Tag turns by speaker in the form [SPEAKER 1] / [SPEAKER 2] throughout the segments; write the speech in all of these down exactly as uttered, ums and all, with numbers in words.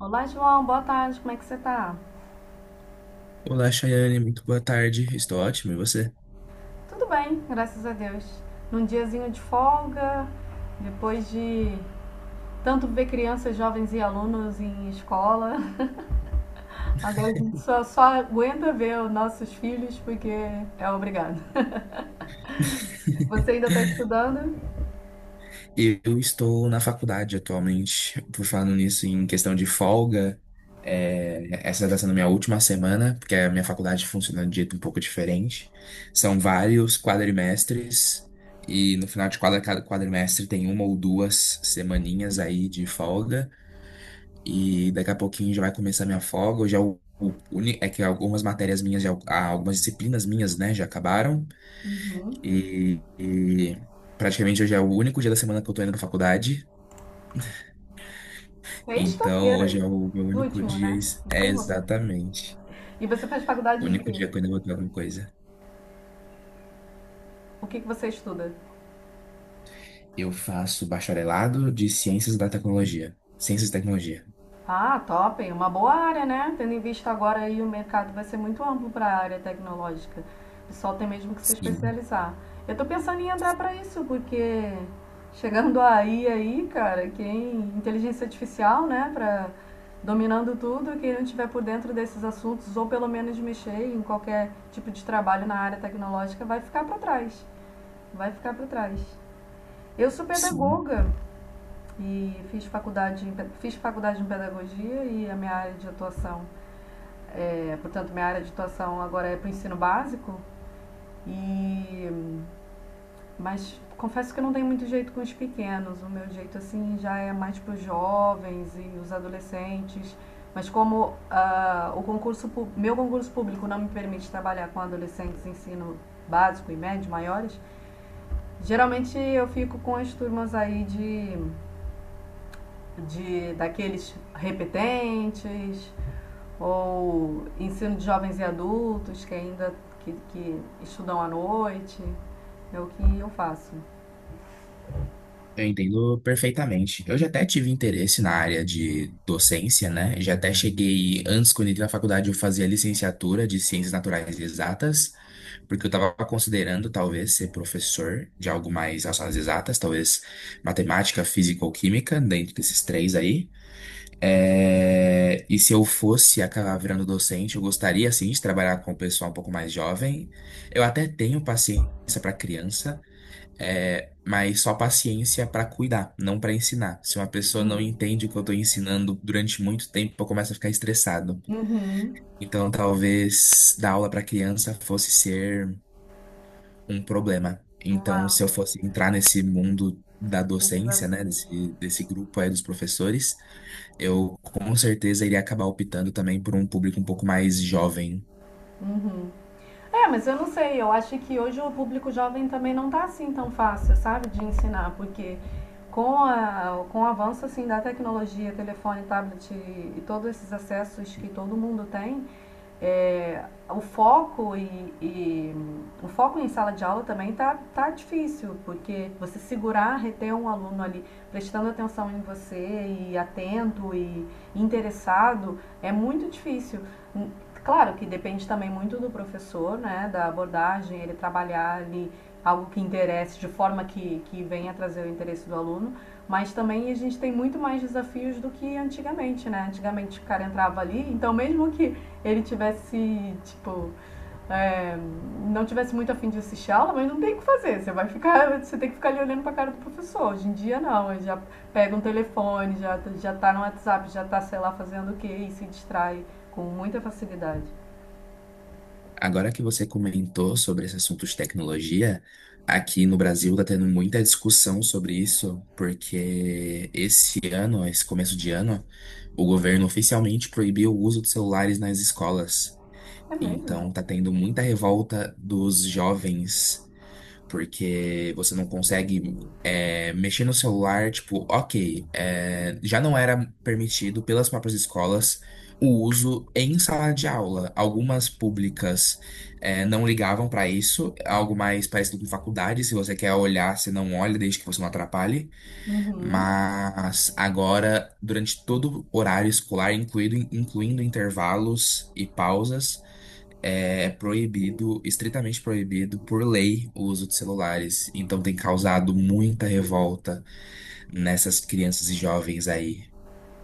[SPEAKER 1] Olá, João, boa tarde, como é que você tá?
[SPEAKER 2] Olá, Chayane, muito boa tarde. Estou ótimo, e você?
[SPEAKER 1] Tudo bem, graças a Deus. Num diazinho de folga, depois de tanto ver crianças, jovens e alunos em escola, agora a gente só, só aguenta ver os nossos filhos porque é obrigado. Você ainda tá estudando?
[SPEAKER 2] Eu estou na faculdade atualmente, por falando nisso, em questão de folga. É, essa está sendo minha última semana, porque a minha faculdade funciona de um jeito um pouco diferente. São vários quadrimestres, e no final de quadra- cada quadrimestre tem uma ou duas semaninhas aí de folga, e daqui a pouquinho já vai começar minha folga. Eu já, o- o- uni- é que algumas matérias minhas, já, ah, algumas disciplinas minhas, né, já acabaram.
[SPEAKER 1] Uhum.
[SPEAKER 2] E, e praticamente hoje é o único dia da semana que eu tô indo pra faculdade. Então
[SPEAKER 1] Sexta-feira,
[SPEAKER 2] hoje é o meu único
[SPEAKER 1] último,
[SPEAKER 2] dia.
[SPEAKER 1] né?
[SPEAKER 2] ex- É
[SPEAKER 1] Encerrou.
[SPEAKER 2] exatamente.
[SPEAKER 1] E você faz
[SPEAKER 2] O
[SPEAKER 1] faculdade de
[SPEAKER 2] único
[SPEAKER 1] quê?
[SPEAKER 2] dia que eu ainda vou ter alguma coisa.
[SPEAKER 1] O que que você estuda?
[SPEAKER 2] Eu faço bacharelado de Ciências da Tecnologia. Ciências e Tecnologia.
[SPEAKER 1] Ah, top, uma boa área, né? Tendo em vista agora aí o mercado vai ser muito amplo para a área tecnológica. O pessoal tem mesmo que se
[SPEAKER 2] Sim,
[SPEAKER 1] especializar. Eu tô pensando em entrar para isso, porque chegando aí aí, cara, quem inteligência artificial, né, para dominando tudo, quem não tiver por dentro desses assuntos ou pelo menos mexer em qualquer tipo de trabalho na área tecnológica vai ficar para trás. Vai ficar para trás. Eu sou
[SPEAKER 2] sim.
[SPEAKER 1] pedagoga, e fiz faculdade, em, fiz faculdade em pedagogia e a minha área de atuação, é, portanto, minha área de atuação agora é para o ensino básico. E mas confesso que eu não tenho muito jeito com os pequenos. O meu jeito assim já é mais para os jovens e os adolescentes. Mas como ah, o concurso meu concurso público não me permite trabalhar com adolescentes em ensino básico e médio maiores, geralmente eu fico com as turmas aí de de daqueles repetentes ou ensino de jovens e adultos que ainda que, que estudam à noite. É o que eu faço.
[SPEAKER 2] Eu entendo perfeitamente. Eu já até tive interesse na área de docência, né? Já até cheguei, antes, quando entrei na faculdade, eu fazia licenciatura de Ciências Naturais e Exatas. Porque eu estava considerando talvez ser professor de algo mais relacionado às exatas, talvez matemática, física ou química, dentro desses três aí. É, E se eu fosse acabar virando docente, eu gostaria sim de trabalhar com o pessoal um pouco mais jovem. Eu até tenho paciência para criança, é, mas só paciência para cuidar, não para ensinar. Se uma pessoa não
[SPEAKER 1] Uhum.
[SPEAKER 2] entende o que eu estou ensinando durante muito tempo, eu começo a ficar estressado.
[SPEAKER 1] Uhum.
[SPEAKER 2] Então, talvez dar aula para criança fosse ser um problema. Então,
[SPEAKER 1] Uma,
[SPEAKER 2] se eu fosse entrar nesse mundo da
[SPEAKER 1] um
[SPEAKER 2] docência, né,
[SPEAKER 1] desafio.
[SPEAKER 2] desse, desse grupo aí dos professores, eu com certeza iria acabar optando também por um público um pouco mais jovem.
[SPEAKER 1] Uhum. É, mas eu não sei, eu acho que hoje o público jovem também não tá assim tão fácil, sabe, de ensinar, porque com, a, com o avanço assim da tecnologia, telefone, tablet e, e todos esses acessos que todo mundo tem, é, o foco e, e- o foco em sala de aula também tá, tá difícil, porque você segurar, reter um aluno ali prestando atenção em você e atento e interessado é muito difícil. Hum, Claro que depende também muito do professor, né, da abordagem, ele trabalhar ali algo que interesse, de forma que, que venha trazer o interesse do aluno, mas também a gente tem muito mais desafios do que antigamente, né? Antigamente o cara entrava ali, então mesmo que ele tivesse, tipo, é, não tivesse muito afim de assistir a aula, mas não tem o que fazer. Você vai ficar, você tem que ficar ali olhando pra cara do professor. Hoje em dia não, ele já pega um telefone, já, já tá no WhatsApp, já tá, sei lá, fazendo o quê e se distrai com muita facilidade.
[SPEAKER 2] Agora que você comentou sobre esse assunto de tecnologia, aqui no Brasil está tendo muita discussão sobre isso, porque esse ano, esse começo de ano, o governo oficialmente proibiu o uso de celulares nas escolas.
[SPEAKER 1] É mesmo?
[SPEAKER 2] Então, tá tendo muita revolta dos jovens porque você não consegue é, mexer no celular, tipo, ok, é, já não era permitido pelas próprias escolas o uso em sala de aula. Algumas públicas é, não ligavam para isso, algo mais parecido com faculdade, se você quer olhar, você não olha, desde que você não atrapalhe.
[SPEAKER 1] Uhum.
[SPEAKER 2] Mas agora, durante todo o horário escolar, incluindo, incluindo intervalos e pausas, é proibido, estritamente proibido por lei o uso de celulares. Então tem causado muita revolta nessas crianças e jovens aí.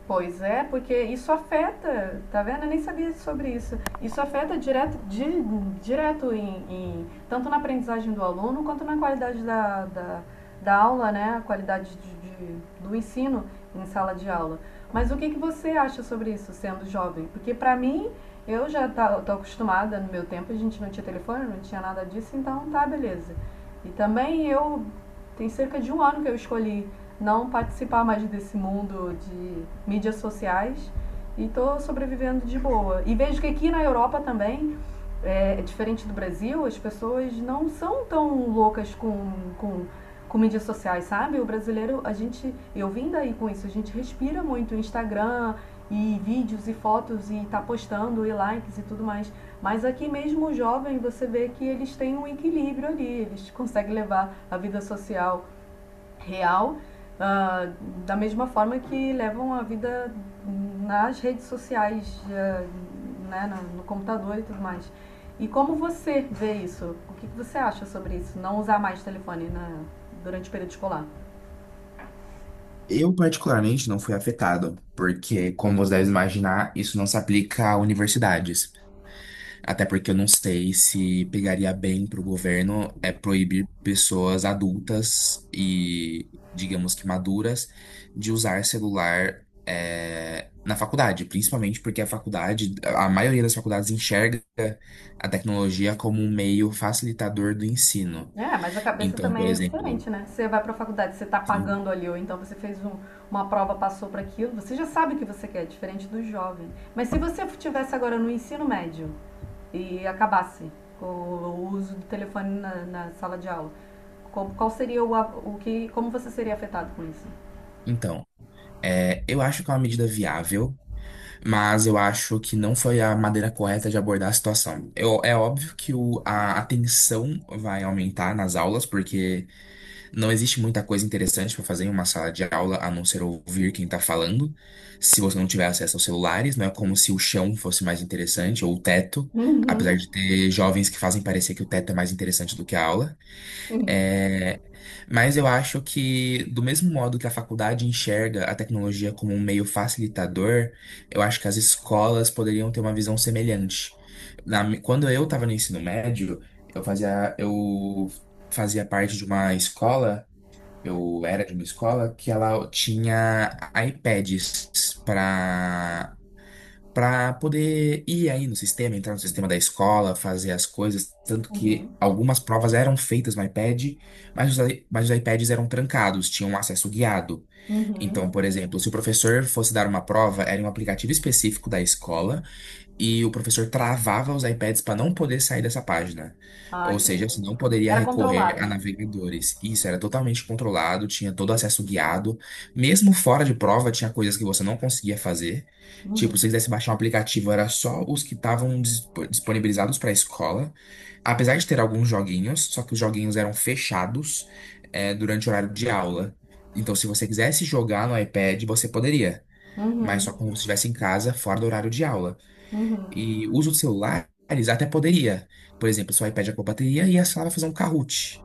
[SPEAKER 1] Pois é, porque isso afeta, tá vendo? Eu nem sabia sobre isso. Isso afeta direto, di- direto em, em- tanto na aprendizagem do aluno quanto na qualidade da, da, da aula, né? A qualidade de, de- do ensino em sala de aula. Mas o que, que você acha sobre isso, sendo jovem? Porque pra mim, eu já tá, tô acostumada, no meu tempo a gente não tinha telefone, não tinha nada disso, então tá, beleza. E também eu, tem cerca de um ano que eu escolhi não participar mais desse mundo de mídias sociais e tô sobrevivendo de boa. E vejo que aqui na Europa também, é, é diferente do Brasil, as pessoas não são tão loucas com, com, com mídias sociais, sabe? O brasileiro, a gente, eu vim daí com isso, a gente respira muito Instagram e vídeos e fotos e tá postando e likes e tudo mais. Mas aqui mesmo o jovem, você vê que eles têm um equilíbrio ali, eles conseguem levar a vida social real, ah, da mesma forma que levam a vida nas redes sociais, ah, né, na- no computador e tudo mais. E como você vê isso? O que que você acha sobre isso? Não usar mais telefone na- durante o período escolar?
[SPEAKER 2] Eu, particularmente, não fui afetado, porque, como você deve imaginar, isso não se aplica a universidades. Até porque eu não sei se pegaria bem para o governo é proibir pessoas adultas e, digamos que maduras, de usar celular é, na faculdade, principalmente porque a faculdade, a maioria das faculdades enxerga a tecnologia como um meio facilitador do ensino.
[SPEAKER 1] É, mas a cabeça
[SPEAKER 2] Então, por
[SPEAKER 1] também é
[SPEAKER 2] exemplo,
[SPEAKER 1] diferente, né? Você vai pra faculdade, você tá
[SPEAKER 2] sim,
[SPEAKER 1] pagando ali, ou então você fez um- uma prova, passou para aquilo, você já sabe o que você quer, é diferente do jovem. Mas se você estivesse agora no ensino médio e acabasse com o uso do telefone na, na sala de aula, como- qual seria o, a- o que. Como você seria afetado com isso?
[SPEAKER 2] então, é, eu acho que é uma medida viável. Mas eu acho que não foi a maneira correta de abordar a situação. Eu- é óbvio que o- a atenção vai aumentar nas aulas, porque não existe muita coisa interessante para fazer em uma sala de aula a não ser ouvir quem está falando. Se você não tiver acesso aos celulares, não é como se o chão fosse mais interessante, ou o teto,
[SPEAKER 1] Uhum,
[SPEAKER 2] apesar de ter jovens que fazem parecer que o teto é mais interessante do que a aula.
[SPEAKER 1] sim.
[SPEAKER 2] É, mas eu acho que, do mesmo modo que a faculdade enxerga a tecnologia como um meio facilitador, eu acho que as escolas poderiam ter uma visão semelhante. Na mi- quando eu estava no ensino médio, eu fazia, eu fazia parte de uma escola, eu era de uma escola que ela tinha iPads para para poder ir aí no sistema, entrar no sistema da escola, fazer as coisas. Tanto
[SPEAKER 1] Uhum,
[SPEAKER 2] que algumas provas eram feitas no iPad, mas os, i- mas os iPads eram trancados, tinham acesso guiado.
[SPEAKER 1] uhum.
[SPEAKER 2] Então, por exemplo, se o professor fosse dar uma prova, era em um aplicativo específico da escola e o professor travava os iPads para não poder sair dessa página.
[SPEAKER 1] Ah,
[SPEAKER 2] Ou
[SPEAKER 1] entendi.
[SPEAKER 2] seja, você não poderia
[SPEAKER 1] Era
[SPEAKER 2] recorrer a
[SPEAKER 1] controlado.
[SPEAKER 2] navegadores. Isso era totalmente controlado, tinha todo acesso guiado. Mesmo fora de prova, tinha coisas que você não conseguia fazer.
[SPEAKER 1] Uhum,
[SPEAKER 2] Tipo, se você quisesse baixar um aplicativo, era só os que estavam dispo- disponibilizados para a escola. Apesar de ter alguns joguinhos, só que os joguinhos eram fechados, eh, durante o horário de aula. Então, se você quisesse jogar no iPad, você poderia, mas só
[SPEAKER 1] uhum,
[SPEAKER 2] quando você estivesse em casa, fora do horário de aula. E uso de celulares até poderia. Por exemplo, se o iPad acabou a bateria e a sala vai fazer um Kahoot.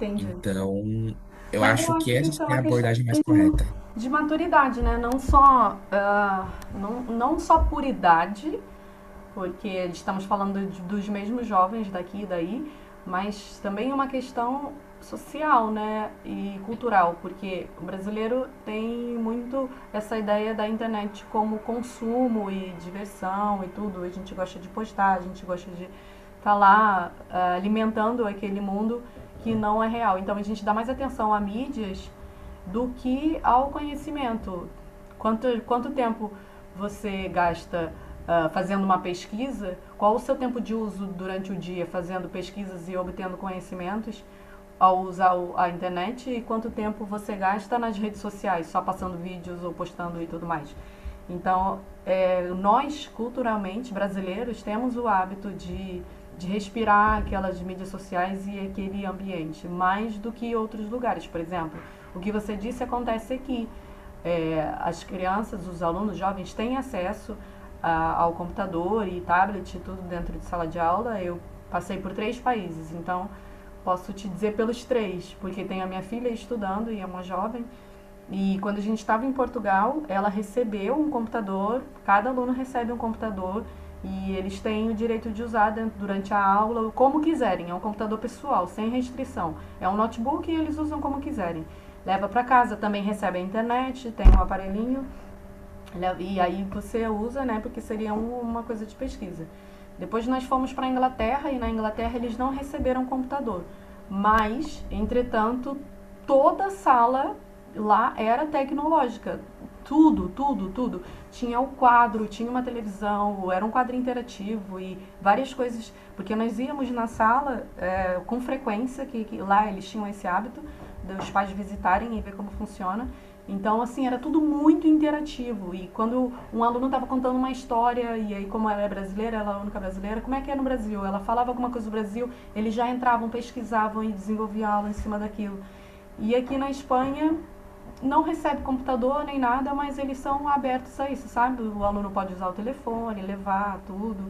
[SPEAKER 1] entendi.
[SPEAKER 2] Então, eu
[SPEAKER 1] Mas eu
[SPEAKER 2] acho que
[SPEAKER 1] acho que
[SPEAKER 2] essa
[SPEAKER 1] isso é
[SPEAKER 2] seria
[SPEAKER 1] uma
[SPEAKER 2] a
[SPEAKER 1] questão
[SPEAKER 2] abordagem mais correta.
[SPEAKER 1] de maturidade, né? Não só, ah, não, não só por idade, porque estamos falando de- dos mesmos jovens daqui e daí, mas também uma questão social, né? E cultural, porque o brasileiro tem muito essa ideia da internet como consumo e diversão e tudo. A gente gosta de postar, a gente gosta de estar lá ah, alimentando aquele mundo que não é real. Então a gente dá mais atenção a mídias do que ao conhecimento. Quanto, quanto tempo você gasta ah, fazendo uma pesquisa? Qual o seu tempo de uso durante o dia fazendo pesquisas e obtendo conhecimentos ao usar a internet, e quanto tempo você gasta nas redes sociais, só passando vídeos ou postando e tudo mais? Então, é, nós, culturalmente, brasileiros, temos o hábito de, de respirar aquelas mídias sociais e aquele ambiente, mais do que outros lugares. Por exemplo, o que você disse acontece aqui é, as crianças, os alunos jovens têm acesso a- ao computador e tablet e tudo dentro de sala de aula. Eu passei por três países, então posso te dizer pelos três, porque tem a minha filha estudando e é uma jovem, e quando a gente estava em Portugal, ela recebeu um computador, cada aluno recebe um computador e eles têm o direito de usar dentro- durante a aula como quiserem. É um computador pessoal, sem restrição. É um notebook e eles usam como quiserem. Leva para casa, também recebe a internet, tem um aparelhinho e aí você usa, né, porque seria um- uma coisa de pesquisa. Depois nós fomos para a Inglaterra e na Inglaterra eles não receberam computador. Mas, entretanto, toda a sala lá era tecnológica. Tudo, tudo, tudo. Tinha o quadro, tinha uma televisão, era um quadro interativo e várias coisas. Porque nós íamos na sala é, com frequência, que, que lá eles tinham esse hábito dos pais visitarem e ver como funciona. Então, assim, era tudo muito interativo. E quando um aluno estava contando uma história, e aí, como ela é brasileira, ela é a única brasileira, como é que é no Brasil? Ela falava alguma coisa do Brasil, eles já entravam, pesquisavam e desenvolviam aula em cima daquilo. E aqui na Espanha, não recebe computador nem nada, mas eles são abertos a isso, sabe? O aluno pode usar o telefone, levar tudo.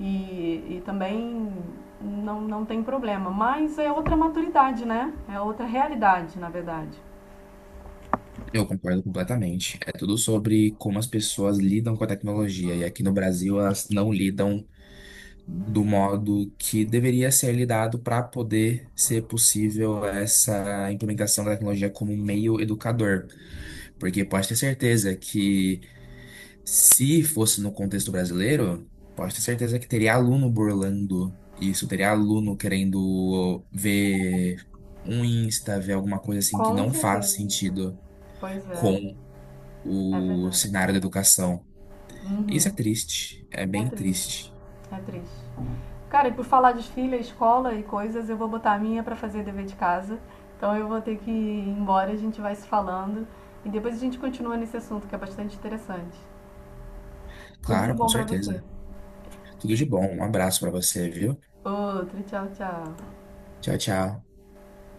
[SPEAKER 1] E, e também não, não tem problema. Mas é outra maturidade, né? É outra realidade, na verdade.
[SPEAKER 2] Eu concordo completamente. É tudo sobre como as pessoas lidam com a tecnologia. E aqui no Brasil, elas não lidam do modo que deveria ser lidado para poder ser possível essa implementação da tecnologia como um meio educador. Porque pode ter certeza que se fosse no contexto brasileiro, pode ter certeza que teria aluno burlando isso, teria aluno querendo ver um Insta, ver alguma coisa assim que
[SPEAKER 1] Com
[SPEAKER 2] não faz
[SPEAKER 1] certeza.
[SPEAKER 2] sentido
[SPEAKER 1] Pois é,
[SPEAKER 2] com
[SPEAKER 1] é
[SPEAKER 2] o
[SPEAKER 1] verdade.
[SPEAKER 2] cenário da educação. Isso é
[SPEAKER 1] Uhum.
[SPEAKER 2] triste, é
[SPEAKER 1] É
[SPEAKER 2] bem
[SPEAKER 1] triste,
[SPEAKER 2] triste.
[SPEAKER 1] é triste. Cara, e por falar de filha, escola e coisas, eu vou botar a minha pra fazer dever de casa. Então eu vou ter que ir embora, a gente vai se falando e depois a gente continua nesse assunto que é bastante interessante. Tudo de
[SPEAKER 2] Claro, com
[SPEAKER 1] bom pra você.
[SPEAKER 2] certeza. Tudo de bom, um abraço pra você, viu?
[SPEAKER 1] Outro, tchau, tchau.
[SPEAKER 2] Tchau, tchau.